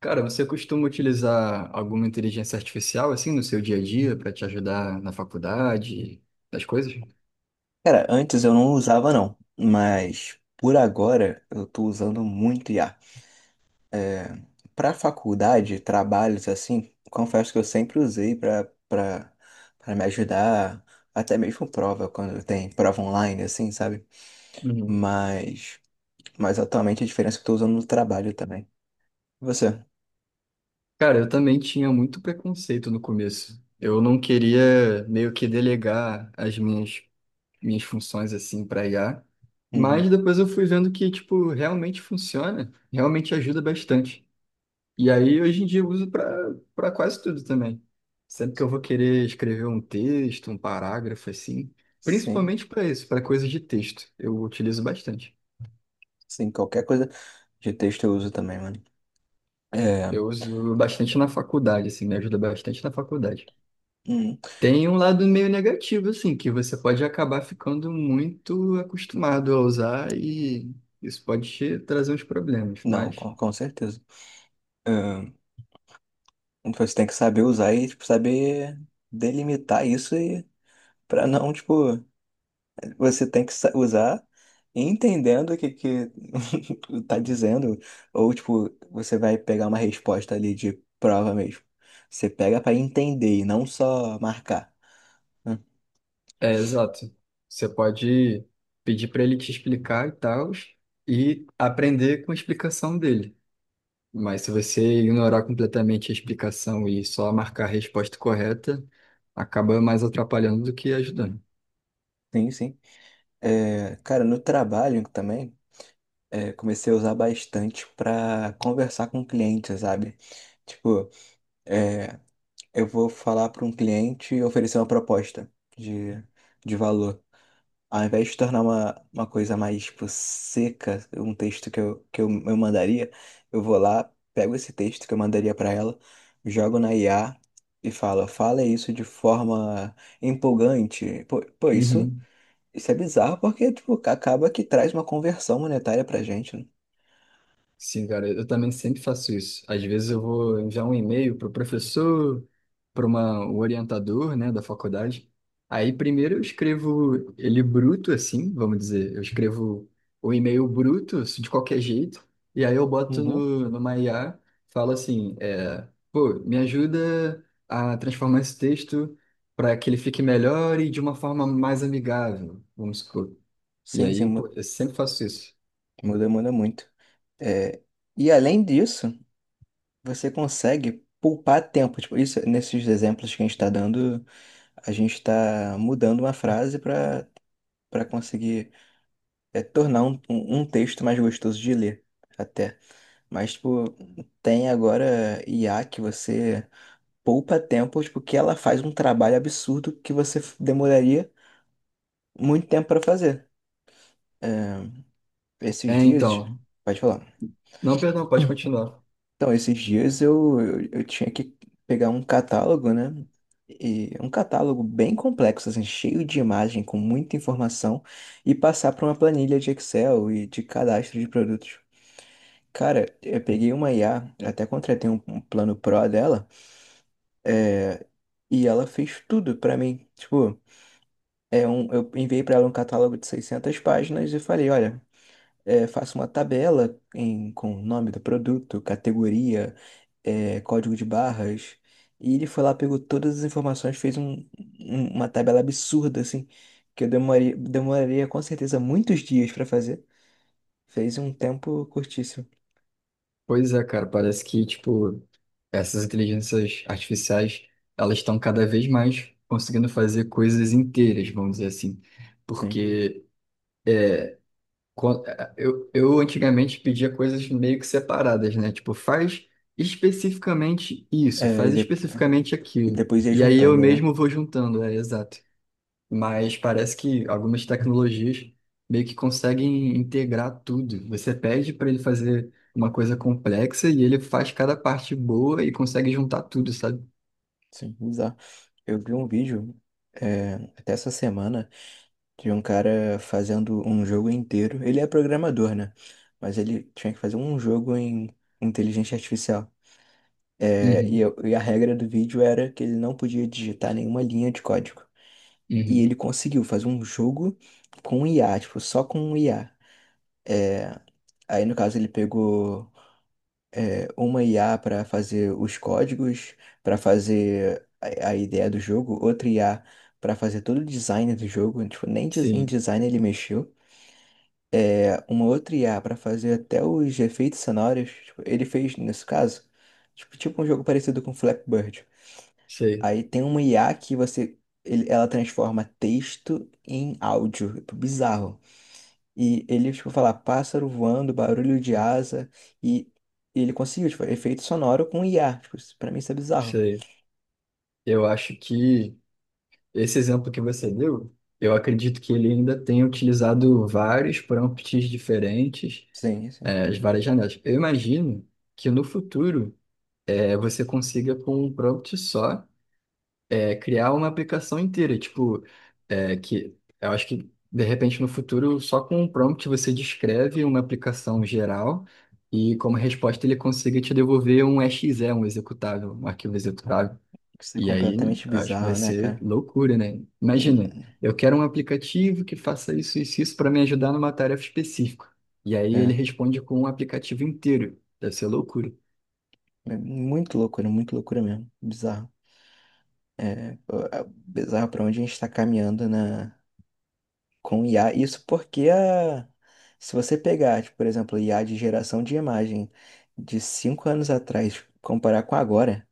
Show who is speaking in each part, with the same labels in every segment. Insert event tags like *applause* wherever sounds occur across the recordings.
Speaker 1: Cara, você costuma utilizar alguma inteligência artificial assim no seu dia a dia para te ajudar na faculdade, das coisas?
Speaker 2: Cara, antes eu não usava não, mas por agora eu tô usando muito IA. Pra faculdade, trabalhos assim, confesso que eu sempre usei pra para para me ajudar, até mesmo prova quando tem prova online assim, sabe?
Speaker 1: Uhum.
Speaker 2: Mas mas atualmente a diferença é que eu tô usando no trabalho também. Você?
Speaker 1: Cara, eu também tinha muito preconceito no começo. Eu não queria meio que delegar as minhas funções assim para IA,
Speaker 2: Uhum.
Speaker 1: mas depois eu fui vendo que tipo realmente funciona, realmente ajuda bastante. E aí, hoje em dia, eu uso para quase tudo também. Sempre que eu vou querer escrever um texto, um parágrafo, assim,
Speaker 2: Sim,
Speaker 1: principalmente para isso, para coisas de texto, eu utilizo bastante.
Speaker 2: sim, qualquer coisa de texto eu uso também, mano. É,
Speaker 1: Eu uso bastante na faculdade, assim, me ajuda bastante na faculdade.
Speaker 2: uhum.
Speaker 1: Tem um lado meio negativo, assim, que você pode acabar ficando muito acostumado a usar e isso pode te trazer uns problemas,
Speaker 2: Não,
Speaker 1: mas...
Speaker 2: com certeza. Tipo, você tem que saber usar e, tipo, saber delimitar isso e para não, tipo, você tem usar entendendo o que que *laughs* tá dizendo, ou tipo, você vai pegar uma resposta ali de prova mesmo. Você pega para entender e não só marcar. Hum,
Speaker 1: É, exato. Você pode pedir para ele te explicar e tal, e aprender com a explicação dele. Mas se você ignorar completamente a explicação e só marcar a resposta correta, acaba mais atrapalhando do que ajudando.
Speaker 2: Sim, sim. É, cara, no trabalho também, é, comecei a usar bastante para conversar com clientes, sabe? Tipo, é, eu vou falar para um cliente e oferecer uma proposta de, de valor. Ao invés de tornar uma coisa mais, tipo, seca, um texto que eu mandaria, eu vou lá, pego esse texto que eu mandaria para ela, jogo na IA e falo, fala isso de forma empolgante. Isso,
Speaker 1: Uhum.
Speaker 2: isso é bizarro porque, tipo, acaba que traz uma conversão monetária pra gente, né?
Speaker 1: Sim, cara, eu também sempre faço isso. Às vezes eu vou enviar um e-mail para o professor, para uma, o orientador, né, da faculdade. Aí primeiro eu escrevo ele bruto, assim, vamos dizer. Eu escrevo o e-mail bruto, assim, de qualquer jeito. E aí eu boto
Speaker 2: Uhum.
Speaker 1: no, numa IA, falo assim, é, pô, me ajuda a transformar esse texto para que ele fique melhor e de uma forma mais amigável, vamos supor. E
Speaker 2: Sim, sim,
Speaker 1: aí, pô, eu sempre faço isso.
Speaker 2: muda muito. É, e além disso, você consegue poupar tempo. Tipo, isso, nesses exemplos que a gente está dando, a gente está mudando uma frase para conseguir, é, tornar um texto mais gostoso de ler, até. Mas, tipo, tem agora IA que você poupa tempo, tipo, que ela faz um trabalho absurdo que demoraria muito tempo para fazer. É, esses
Speaker 1: É,
Speaker 2: dias,
Speaker 1: então.
Speaker 2: pode falar.
Speaker 1: Não, perdão, pode continuar.
Speaker 2: Então, esses dias eu tinha que pegar um catálogo, né? E um catálogo bem complexo, assim, cheio de imagem, com muita informação, e passar para uma planilha de Excel e de cadastro de produtos. Cara, eu peguei uma IA, até contratei um plano Pro dela, é, e ela fez tudo para mim. Tipo, é um, eu enviei para ela um catálogo de 600 páginas e falei, olha, é, faça uma tabela em, com o nome do produto, categoria, é, código de barras. E ele foi lá, pegou todas as informações, fez uma tabela absurda, assim, que eu demoraria com certeza muitos dias para fazer. Fez um tempo curtíssimo.
Speaker 1: Pois é, cara, parece que, tipo, essas inteligências artificiais, elas estão cada vez mais conseguindo fazer coisas inteiras, vamos dizer assim.
Speaker 2: Sim.
Speaker 1: Porque eu antigamente pedia coisas meio que separadas, né? Tipo, faz especificamente isso,
Speaker 2: É,
Speaker 1: faz especificamente
Speaker 2: e
Speaker 1: aquilo.
Speaker 2: depois ia
Speaker 1: E aí eu
Speaker 2: juntando, né?
Speaker 1: mesmo vou juntando, é exato, mas parece que algumas tecnologias meio que conseguem integrar tudo. Você pede para ele fazer uma coisa complexa e ele faz cada parte boa e consegue juntar tudo, sabe?
Speaker 2: Sim, bizarro. Eu vi um vídeo, é, até essa semana, de um cara fazendo um jogo inteiro. Ele é programador, né? Mas ele tinha que fazer um jogo em inteligência artificial. É,
Speaker 1: Uhum,
Speaker 2: e a regra do vídeo era que ele não podia digitar nenhuma linha de código. E
Speaker 1: uhum.
Speaker 2: ele conseguiu fazer um jogo com IA, tipo, só com IA. É, aí, no caso, ele pegou, é, uma IA para fazer os códigos, para fazer a ideia do jogo, outra IA para fazer todo o design do jogo. Tipo, nem des- em
Speaker 1: Sim,
Speaker 2: design ele mexeu. É, uma outra IA para fazer até os efeitos sonoros. Tipo, ele fez, nesse caso, tipo um jogo parecido com Flappy Bird.
Speaker 1: sei,
Speaker 2: Aí tem uma IA que você, ela transforma texto em áudio. É tipo, bizarro. E ele, tipo, fala pássaro voando, barulho de asa. E ele conseguiu, tipo, efeito sonoro com IA. Tipo, pra mim isso é bizarro.
Speaker 1: sei. Eu acho que esse exemplo que você deu, eu acredito que ele ainda tenha utilizado vários prompts diferentes,
Speaker 2: Sim, sim.
Speaker 1: as várias janelas. Eu imagino que no futuro você consiga com um prompt só é criar uma aplicação inteira, tipo, é, que eu acho que de repente no futuro só com um prompt você descreve uma aplicação geral e como resposta ele consiga te devolver um exe, um executável, um arquivo executável.
Speaker 2: Isso é
Speaker 1: E aí
Speaker 2: completamente
Speaker 1: acho que vai
Speaker 2: bizarro, né,
Speaker 1: ser
Speaker 2: cara?
Speaker 1: loucura, né? Imagina, eu quero um aplicativo que faça isso isso, isso para me ajudar numa tarefa específica. E aí ele
Speaker 2: É,
Speaker 1: responde com um aplicativo inteiro. Deve ser loucura.
Speaker 2: é muito loucura mesmo. Bizarro. É, pô, é bizarro para onde a gente está com IA. Isso porque se você pegar, tipo, por exemplo, IA de geração de imagem de 5 anos atrás, comparar com agora,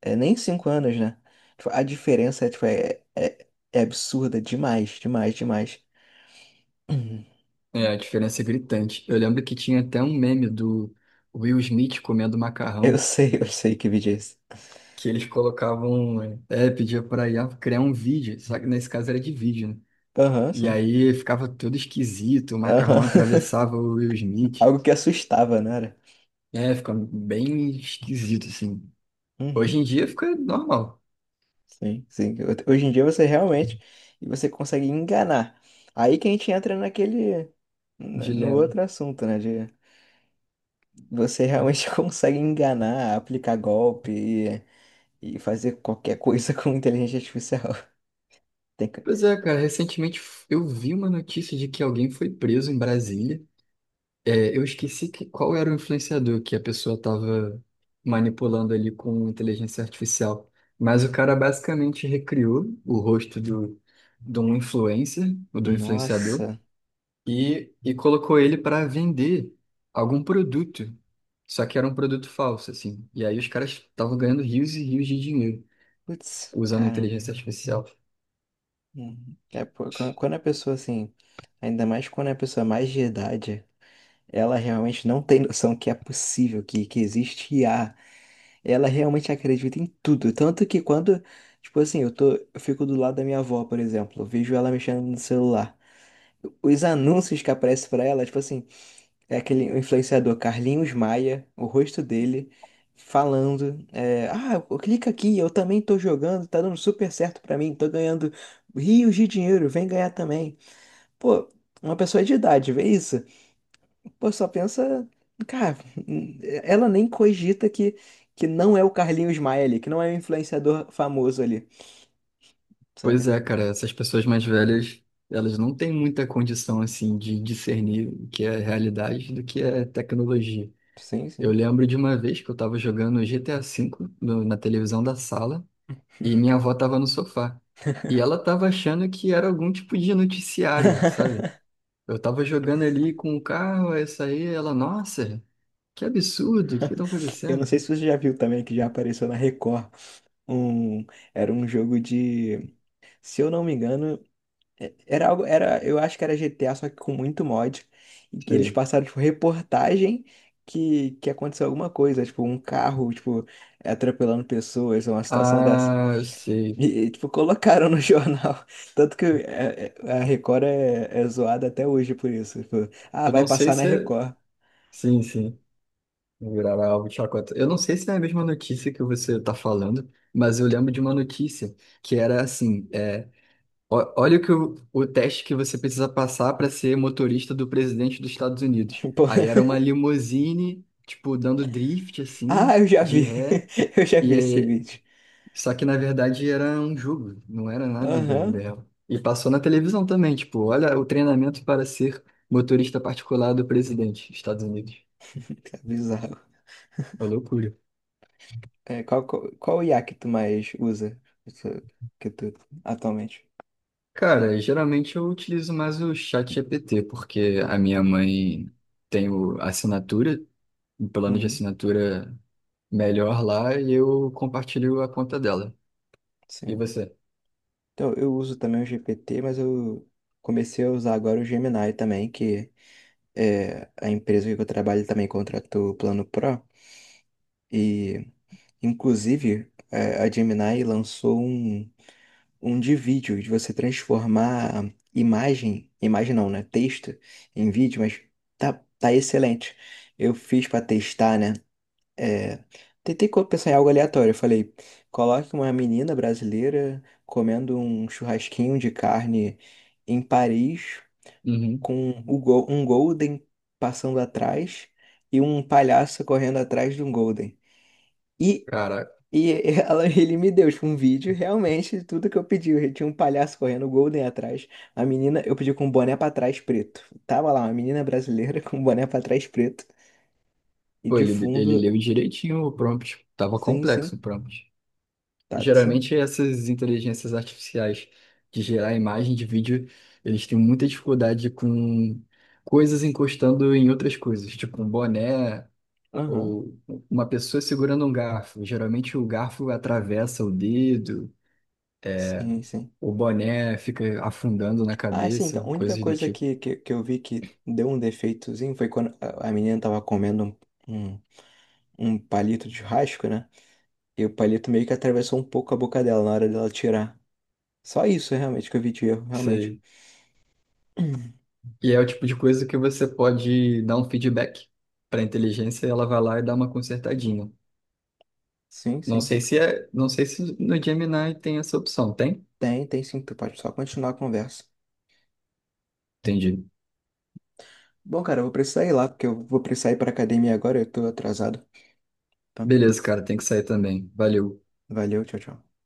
Speaker 2: é nem 5 anos, né? Tipo, a diferença é, tipo, é absurda demais, demais, demais. *clears throat* Uhum.
Speaker 1: É, a diferença é gritante. Eu lembro que tinha até um meme do Will Smith comendo macarrão,
Speaker 2: Eu sei que vídeo é esse.
Speaker 1: que eles colocavam, é, pedia pra IA criar um vídeo, só que nesse caso era de vídeo, né?
Speaker 2: Aham,
Speaker 1: E
Speaker 2: sim.
Speaker 1: aí ficava todo esquisito, o macarrão
Speaker 2: Aham. *laughs*
Speaker 1: atravessava o Will Smith.
Speaker 2: Algo que assustava, não era?
Speaker 1: É, fica bem esquisito, assim. Hoje
Speaker 2: Uhum.
Speaker 1: em dia fica normal,
Speaker 2: Sim, sim. Hoje em dia você realmente e você consegue enganar. Aí que a gente entra naquele, no
Speaker 1: dilema.
Speaker 2: outro assunto, né? De você realmente *laughs* consegue enganar, aplicar golpe e fazer qualquer coisa *laughs* com inteligência artificial. Tem que-
Speaker 1: Pois é, cara, recentemente eu vi uma notícia de que alguém foi preso em Brasília. É, eu esqueci que, qual era o influenciador que a pessoa estava manipulando ali com inteligência artificial. Mas o cara basicamente recriou o rosto do, de um influencer, ou do influenciador,
Speaker 2: Nossa,
Speaker 1: e colocou ele para vender algum produto. Só que era um produto falso, assim. E aí os caras estavam ganhando rios e rios de dinheiro
Speaker 2: putz,
Speaker 1: usando
Speaker 2: cara.
Speaker 1: inteligência artificial.
Speaker 2: É, pô, quando a pessoa assim, ainda mais quando é a pessoa é mais de idade. Ela realmente não tem noção que é possível, que existe IA Ela realmente acredita em tudo. Tanto que quando, tipo assim, eu tô, eu fico do lado da minha avó, por exemplo, eu vejo ela mexendo no celular. Os anúncios que aparecem pra ela, tipo assim, é aquele influenciador Carlinhos Maia, o rosto dele, falando, é, ah, clica aqui, eu também tô jogando, tá dando super certo pra mim, tô ganhando rios de dinheiro, vem ganhar também. Pô, uma pessoa de idade, vê isso? Pô, só pensa. Cara, ela nem cogita que não é o Carlinhos Maia ali, que não é o influenciador famoso ali,
Speaker 1: Pois
Speaker 2: sabe?
Speaker 1: é, cara, essas pessoas mais velhas, elas não têm muita condição, assim, de discernir o que é realidade do que é tecnologia.
Speaker 2: Sim,
Speaker 1: Eu
Speaker 2: sim.
Speaker 1: lembro de uma vez que eu tava jogando GTA V na televisão da sala e minha avó tava no sofá. E ela tava achando que era algum tipo de noticiário, sabe?
Speaker 2: *laughs*
Speaker 1: Eu tava jogando ali com o carro, essa aí, ela, nossa, que absurdo, o que que tá
Speaker 2: Eu não
Speaker 1: acontecendo?
Speaker 2: sei se você já viu também que já apareceu na Record. Um, era um jogo de, se eu não me engano, era algo, era, eu acho que era GTA, só que com muito mod. E que eles
Speaker 1: Sei.
Speaker 2: passaram, tipo, reportagem que aconteceu alguma coisa, tipo, um carro, tipo, atropelando pessoas, uma situação dessa.
Speaker 1: Ah, eu sei.
Speaker 2: Tipo, colocaram no *laughs* jornal. Tanto que é, a Record é zoada até hoje por isso. Tipo, ah,
Speaker 1: Eu
Speaker 2: vai
Speaker 1: não sei
Speaker 2: passar na
Speaker 1: se é...
Speaker 2: Record.
Speaker 1: Sim, sim. Virar alvo de chacota. Eu não sei se é a mesma notícia que você está falando, mas eu lembro de uma notícia que era assim: é, olha o teste que você precisa passar para ser motorista do presidente dos Estados Unidos.
Speaker 2: *laughs* Pô,
Speaker 1: Aí era uma limusine, tipo, dando drift, assim,
Speaker 2: ah, eu já
Speaker 1: de
Speaker 2: vi.
Speaker 1: ré.
Speaker 2: *laughs* Eu já
Speaker 1: E
Speaker 2: vi esse
Speaker 1: aí,
Speaker 2: vídeo.
Speaker 1: só que na verdade era um jogo, não era nada da vida
Speaker 2: Aham,
Speaker 1: real. E passou na televisão também, tipo, olha o treinamento para ser motorista particular do presidente dos Estados Unidos.
Speaker 2: que é bizarro.
Speaker 1: Uma loucura.
Speaker 2: É, qual IA que tu mais usa? Que tu que tu- atualmente?
Speaker 1: Cara, geralmente eu utilizo mais o ChatGPT, porque a minha mãe tem a assinatura, o plano de
Speaker 2: Uhum,
Speaker 1: assinatura melhor lá, e eu compartilho a conta dela. E
Speaker 2: sim.
Speaker 1: você?
Speaker 2: Então, eu uso também o GPT, mas eu comecei a usar agora o Gemini também, que é a empresa que eu trabalho também contratou o Plano Pro. E, inclusive, é, a Gemini lançou um, um de vídeo, de você transformar imagem, imagem não, né? Texto em vídeo, mas tá, tá excelente. Eu fiz para testar, né? É, pensar em algo aleatório. Eu falei, coloque uma menina brasileira comendo um churrasquinho de carne em Paris,
Speaker 1: Uhum.
Speaker 2: com um Golden passando atrás e um palhaço correndo atrás de um Golden. E,
Speaker 1: Cara,
Speaker 2: e *laughs* ele me deu tipo, um vídeo, realmente, de tudo que eu pedi. Eu tinha um palhaço correndo, o Golden atrás. A menina, eu pedi com um boné pra trás preto. Tava lá, uma menina brasileira *laughs* com um boné pra trás preto. E
Speaker 1: pô,
Speaker 2: de
Speaker 1: ele
Speaker 2: fundo,
Speaker 1: leu direitinho o prompt. Tava
Speaker 2: sim,
Speaker 1: complexo
Speaker 2: sim,
Speaker 1: o prompt.
Speaker 2: tá, sim.
Speaker 1: Geralmente essas inteligências artificiais de gerar imagem de vídeo, eles têm muita dificuldade com coisas encostando em outras coisas, tipo um boné
Speaker 2: Aham.
Speaker 1: ou uma pessoa segurando um garfo. Geralmente o garfo atravessa o dedo,
Speaker 2: Sim, sim.
Speaker 1: o boné fica afundando na
Speaker 2: Ah, é sim, então, a
Speaker 1: cabeça,
Speaker 2: única
Speaker 1: coisas do
Speaker 2: coisa
Speaker 1: tipo.
Speaker 2: que eu vi que deu um defeitozinho foi quando a menina tava comendo um, um, um palito de churrasco, né? E o palito meio que atravessou um pouco a boca dela na hora dela tirar. Só isso, realmente, que eu vi de erro, realmente.
Speaker 1: Sei.
Speaker 2: *clears throat*
Speaker 1: E é o tipo de coisa que você pode dar um feedback para a inteligência e ela vai lá e dá uma consertadinha.
Speaker 2: Sim,
Speaker 1: Não
Speaker 2: sim.
Speaker 1: sei se é, não sei se no Gemini tem essa opção, tem?
Speaker 2: Tem, tem sim, tu pode só continuar a conversa.
Speaker 1: Entendi.
Speaker 2: Bom, cara, eu vou precisar ir lá, porque eu vou precisar ir pra academia agora, eu tô atrasado. Então,
Speaker 1: Beleza, cara, tem que sair também. Valeu.
Speaker 2: valeu, tchau, tchau.